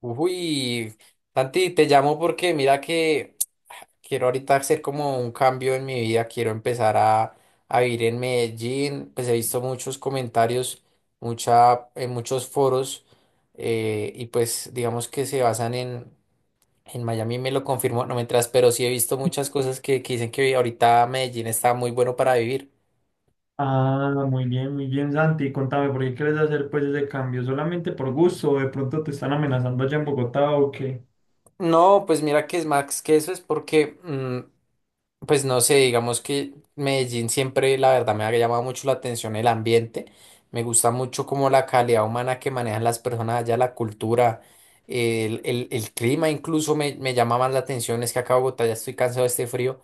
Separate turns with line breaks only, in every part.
Uy, Santi, te llamo porque mira que quiero ahorita hacer como un cambio en mi vida, quiero empezar a vivir en Medellín. Pues he visto muchos comentarios, mucha, en muchos foros y pues digamos que se basan en Miami, me lo confirmó, no mientras, pero sí he visto muchas cosas que dicen que ahorita Medellín está muy bueno para vivir.
Ah, muy bien, Santi. Contame, ¿por qué quieres hacer pues ese cambio? ¿Solamente por gusto o de pronto te están amenazando allá en Bogotá o qué?
No, pues mira que es más que eso, es porque... Pues no sé, digamos que Medellín siempre, la verdad, me ha llamado mucho la atención el ambiente. Me gusta mucho como la calidad humana que manejan las personas allá, la cultura, el, el clima incluso me, me llama más la atención. Es que acá en Bogotá ya estoy cansado de este frío.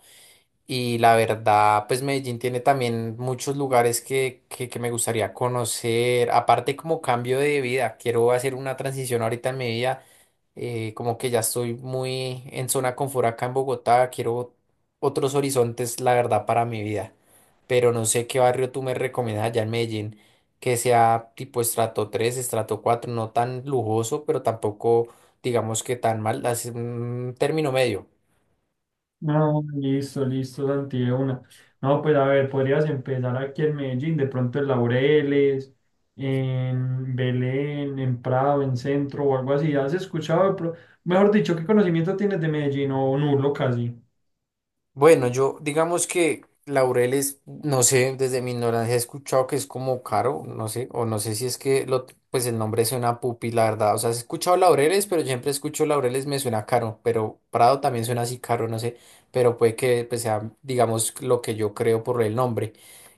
Y la verdad, pues Medellín tiene también muchos lugares que me gustaría conocer. Aparte, como cambio de vida, quiero hacer una transición ahorita en mi vida. Como que ya estoy muy en zona confort acá en Bogotá. Quiero otros horizontes, la verdad, para mi vida. Pero no sé qué barrio tú me recomiendas allá en Medellín que sea tipo estrato 3 estrato cuatro, no tan lujoso, pero tampoco digamos que tan mal. Así, un término medio.
No, listo, listo, Santi, de una. No, pues a ver, podrías empezar aquí en Medellín, de pronto en Laureles, en Belén, en Prado, en Centro o algo así. ¿Has escuchado? Mejor dicho, ¿qué conocimiento tienes de Medellín o nulo casi?
Bueno, yo digamos que Laureles, no sé, desde mi ignorancia he escuchado que es como caro, no sé, o no sé si es que lo, pues el nombre suena pupi, la verdad. O sea, he escuchado Laureles, pero siempre escucho Laureles, me suena caro, pero Prado también suena así caro, no sé, pero puede que pues, sea, digamos, lo que yo creo por el nombre.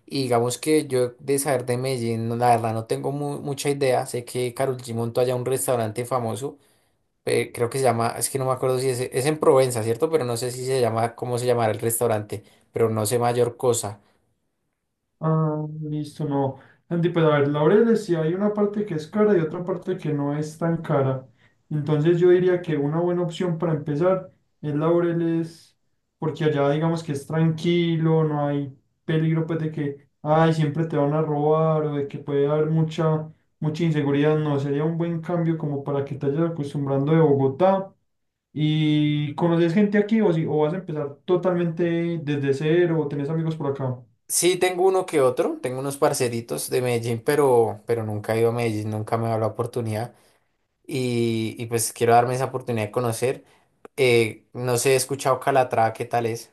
Y digamos que yo de saber de Medellín, no, la verdad no tengo mucha idea, sé que Karol G montó allá un restaurante famoso. Creo que se llama, es que no me acuerdo si es, es en Provenza, ¿cierto? Pero no sé si se llama, cómo se llamará el restaurante, pero no sé mayor cosa.
Ah, listo, no. Andy, pues a ver, Laureles, si hay una parte que es cara y otra parte que no es tan cara. Entonces yo diría que una buena opción para empezar es Laureles, porque allá digamos que es tranquilo, no hay peligro pues de que, ay, siempre te van a robar o de que puede haber mucha inseguridad. No, sería un buen cambio como para que te vayas acostumbrando de Bogotá. ¿Y conoces gente aquí o, si, o vas a empezar totalmente desde cero o tenés amigos por acá?
Sí, tengo uno que otro, tengo unos parceritos de Medellín, pero nunca he ido a Medellín, nunca me ha dado la oportunidad y pues quiero darme esa oportunidad de conocer. No sé, he escuchado Calatrava, ¿qué tal es?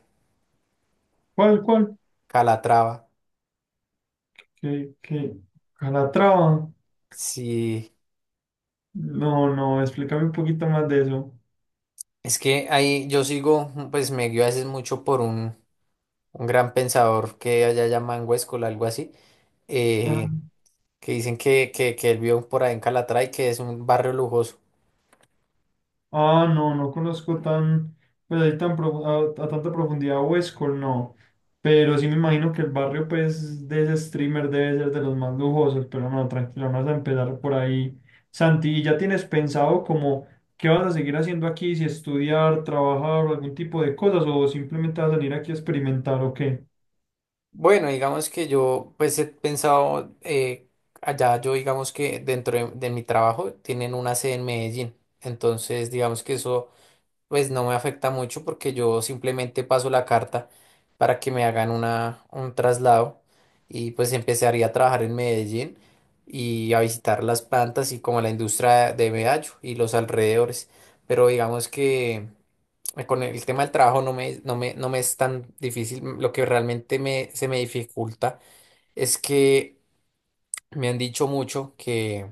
¿Cuál, cuál?
Calatrava,
Que Calatrava.
sí.
No, no, explícame un poquito más de eso.
Es que ahí yo sigo, pues me guío a veces mucho por un gran pensador que allá llaman Huéscola, algo así.
Ah,
Eh, que dicen que él vio por ahí en Calatrava y que es un barrio lujoso.
no, no conozco tan, pues ahí tan a tanta profundidad Huescol, no. Pero sí me imagino que el barrio, pues, de ese streamer debe ser de los más lujosos. Pero no, tranquilo, vamos a empezar por ahí. Santi, ¿y ya tienes pensado como qué vas a seguir haciendo aquí? Si estudiar, trabajar o algún tipo de cosas, o simplemente vas a venir aquí a experimentar o qué?
Bueno, digamos que yo pues he pensado, allá yo digamos que dentro de mi trabajo tienen una sede en Medellín, entonces digamos que eso pues no me afecta mucho porque yo simplemente paso la carta para que me hagan una, un traslado y pues empezaría a trabajar en Medellín y a visitar las plantas y como la industria de Medallo y los alrededores, pero digamos que... Con el tema del trabajo no me, no me, no me es tan difícil. Lo que realmente me, se me dificulta es que me han dicho mucho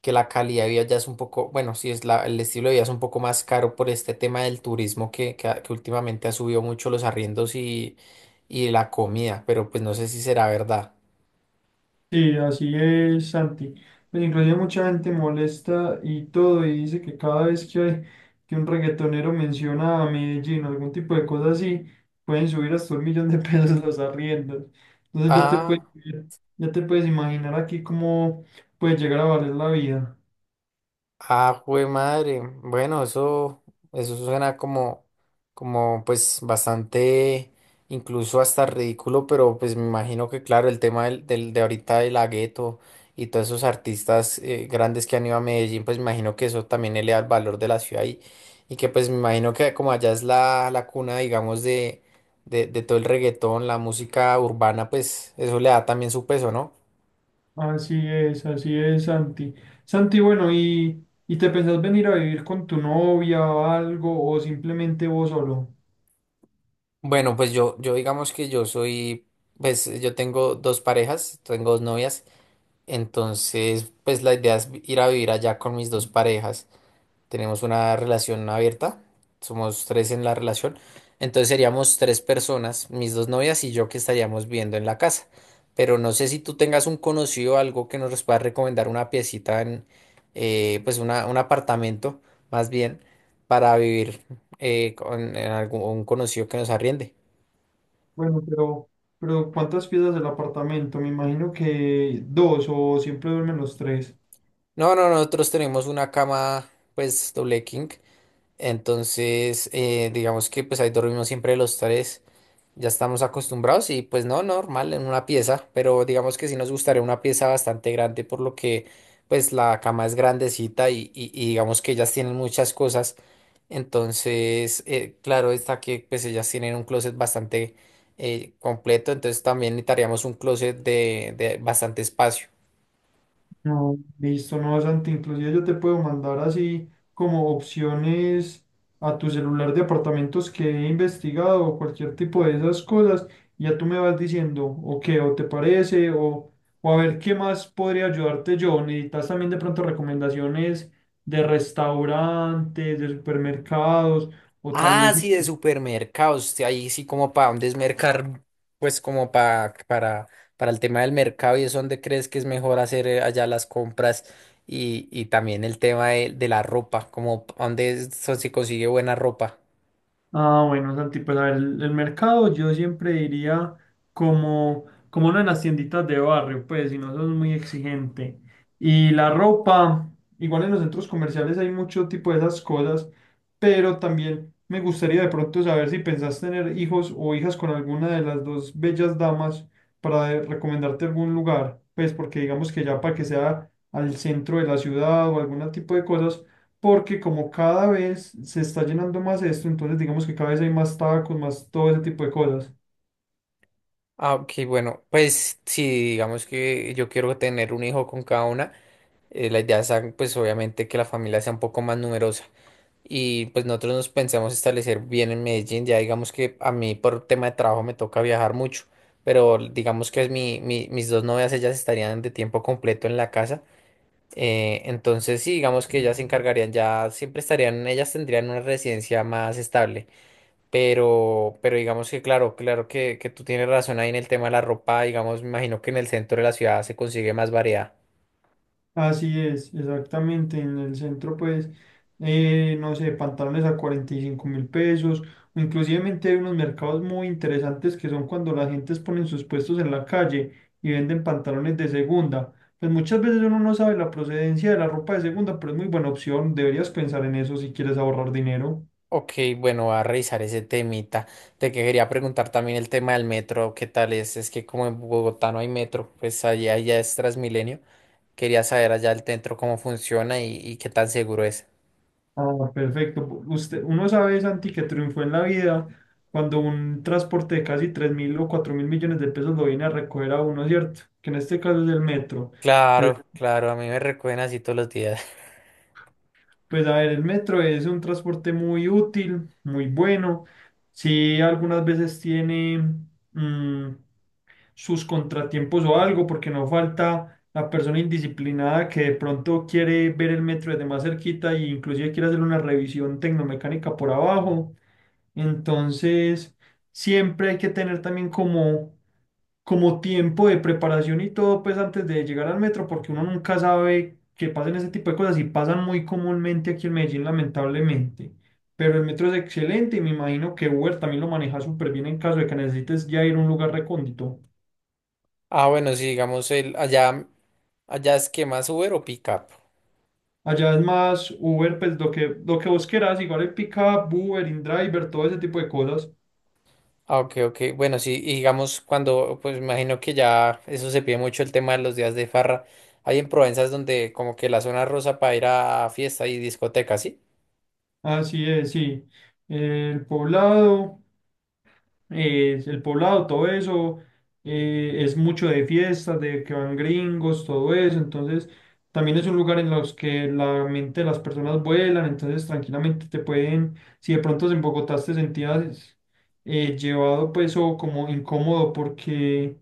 que la calidad de vida ya es un poco, bueno, sí es la, el estilo de vida es un poco más caro por este tema del turismo que, que últimamente ha subido mucho los arriendos y la comida, pero pues no sé si será verdad.
Sí, así es, Santi. Pues inclusive mucha gente molesta y todo, y dice que cada vez que un reggaetonero menciona a Medellín o algún tipo de cosa así, pueden subir hasta 1 millón de pesos los arriendos. Entonces ya te
Ah.
ya te puedes imaginar aquí cómo puede llegar a valer la vida.
Ah, jue madre. Bueno, eso suena como, como pues bastante, incluso hasta ridículo, pero pues me imagino que claro, el tema del, de ahorita de la gueto y todos esos artistas grandes que han ido a Medellín, pues me imagino que eso también eleva el valor de la ciudad y que pues me imagino que como allá es la, la cuna, digamos, de todo el reggaetón, la música urbana, pues eso le da también su peso, ¿no?
Así es, Santi. Santi, bueno, y te pensás venir a vivir con tu novia o algo, o simplemente vos solo?
Bueno, pues yo digamos que yo soy, pues yo tengo dos parejas, tengo dos novias, entonces pues la idea es ir a vivir allá con mis dos parejas. Tenemos una relación abierta, somos tres en la relación, entonces seríamos tres personas, mis dos novias y yo que estaríamos viviendo en la casa. Pero no sé si tú tengas un conocido, algo que nos pueda recomendar una piecita en, pues una, un apartamento más bien, para vivir con en algún un conocido que nos arriende.
Bueno, pero ¿cuántas piezas del apartamento? Me imagino que dos o siempre duermen los tres.
No, no, nosotros tenemos una cama, pues, doble king. Entonces, digamos que pues ahí dormimos siempre los tres. Ya estamos acostumbrados y pues no, normal en una pieza, pero digamos que sí nos gustaría una pieza bastante grande por lo que pues la cama es grandecita y, y digamos que ellas tienen muchas cosas. Entonces, claro está que pues ellas tienen un closet bastante completo, entonces también necesitaríamos un closet de bastante espacio.
No, listo, no, Santi. Inclusive yo te puedo mandar así como opciones a tu celular de apartamentos que he investigado o cualquier tipo de esas cosas. Y ya tú me vas diciendo, o qué, o te parece, o a ver qué más podría ayudarte yo. Necesitas también de pronto recomendaciones de restaurantes, de supermercados, o
Ah,
también si.
sí, de supermercados. Sí, ahí sí como para dónde es mercar, pues como para el tema del mercado y es donde crees que es mejor hacer allá las compras y también el tema de la ropa, como dónde se consigue buena ropa.
Ah, bueno, Santi, pues a ver, el mercado yo siempre diría como, como una de las tienditas de barrio, pues si no sos muy exigente. Y la ropa, igual en los centros comerciales hay mucho tipo de esas cosas, pero también me gustaría de pronto saber si pensás tener hijos o hijas con alguna de las dos bellas damas para recomendarte algún lugar, pues porque digamos que ya para que sea al centro de la ciudad o algún tipo de cosas porque como cada vez se está llenando más esto, entonces digamos que cada vez hay más tacos, más todo ese tipo de cosas.
Ah, ok, bueno, pues sí, digamos que yo quiero tener un hijo con cada una. La idea es pues obviamente que la familia sea un poco más numerosa. Y pues nosotros nos pensamos establecer bien en Medellín. Ya digamos que a mí por tema de trabajo me toca viajar mucho, pero digamos que es mi, mis dos novias, ellas estarían de tiempo completo en la casa. Entonces sí, digamos que ellas se encargarían, ya siempre estarían, ellas tendrían una residencia más estable. Pero digamos que claro, claro que tú tienes razón ahí en el tema de la ropa, digamos, me imagino que en el centro de la ciudad se consigue más variedad.
Así es, exactamente. En el centro, pues, no sé, pantalones a 45.000 pesos. O inclusivemente hay unos mercados muy interesantes que son cuando las gentes ponen sus puestos en la calle y venden pantalones de segunda. Pues muchas veces uno no sabe la procedencia de la ropa de segunda, pero es muy buena opción. Deberías pensar en eso si quieres ahorrar dinero.
Ok, bueno, voy a revisar ese temita. Te que quería preguntar también el tema del metro, ¿qué tal es? Es que como en Bogotá no hay metro, pues allá ya es Transmilenio. Quería saber allá el centro cómo funciona y qué tan seguro es.
Ah, perfecto. Usted, uno sabe, Santi, que triunfó en la vida cuando un transporte de casi 3.000 o 4.000 millones de pesos lo viene a recoger a uno, ¿cierto? Que en este caso es el metro. Pues,
Claro, claro, a mí me recuerdan así todos los días.
pues a ver, el metro es un transporte muy útil, muy bueno. Sí, algunas veces tiene mm, sus contratiempos o algo, porque no falta la persona indisciplinada que de pronto quiere ver el metro desde más cerquita e inclusive quiere hacer una revisión tecnomecánica por abajo. Entonces, siempre hay que tener también como tiempo de preparación y todo, pues antes de llegar al metro, porque uno nunca sabe que pasen ese tipo de cosas y pasan muy comúnmente aquí en Medellín, lamentablemente. Pero el metro es excelente y me imagino que Uber también lo maneja súper bien en caso de que necesites ya ir a un lugar recóndito.
Ah, bueno, sí, digamos, el, allá, allá es que más Uber o Pickup.
Allá es más Uber, pues lo que vos quieras, igual el pickup, Uber, InDriver, todo ese tipo de cosas.
Ah, ok, ok. Bueno, sí, y digamos, cuando, pues me imagino que ya eso se pide mucho el tema de los días de farra. Hay en Provenza es donde como que la zona rosa para ir a fiesta y discotecas, ¿sí?
Así es, sí. El poblado. El poblado, todo eso, es mucho de fiestas, de que van gringos, todo eso, entonces también es un lugar en los que la mente de las personas vuelan, entonces tranquilamente te pueden, si de pronto en Bogotá te sentías llevado pues o como incómodo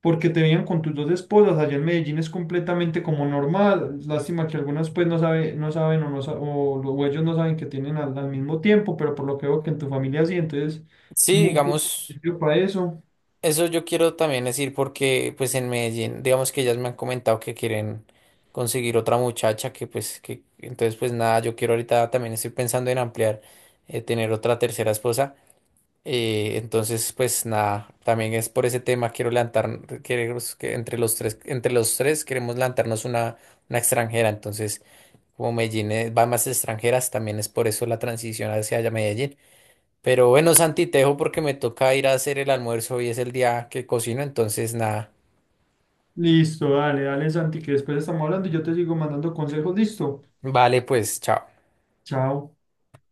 porque te veían con tus dos esposas. Allá en Medellín es completamente como normal. Lástima que algunas pues no sabe, no saben o, no, sa- o, lo- o ellos no saben que tienen al mismo tiempo, pero por lo que veo que en tu familia sí, entonces,
Sí,
muy
digamos,
positivo para eso.
eso yo quiero también decir porque pues en Medellín, digamos que ellas me han comentado que quieren conseguir otra muchacha que pues que entonces pues nada, yo quiero ahorita también estoy pensando en ampliar, tener otra tercera esposa. Entonces pues nada, también es por ese tema quiero levantar, queremos que entre los tres queremos levantarnos una extranjera. Entonces, como Medellín va más extranjeras, también es por eso la transición hacia allá Medellín. Pero bueno, Santi, te dejo porque me toca ir a hacer el almuerzo. Hoy es el día que cocino, entonces nada.
Listo, dale, dale, Santi, que después estamos hablando y yo te sigo mandando consejos. Listo,
Vale, pues, chao.
chao.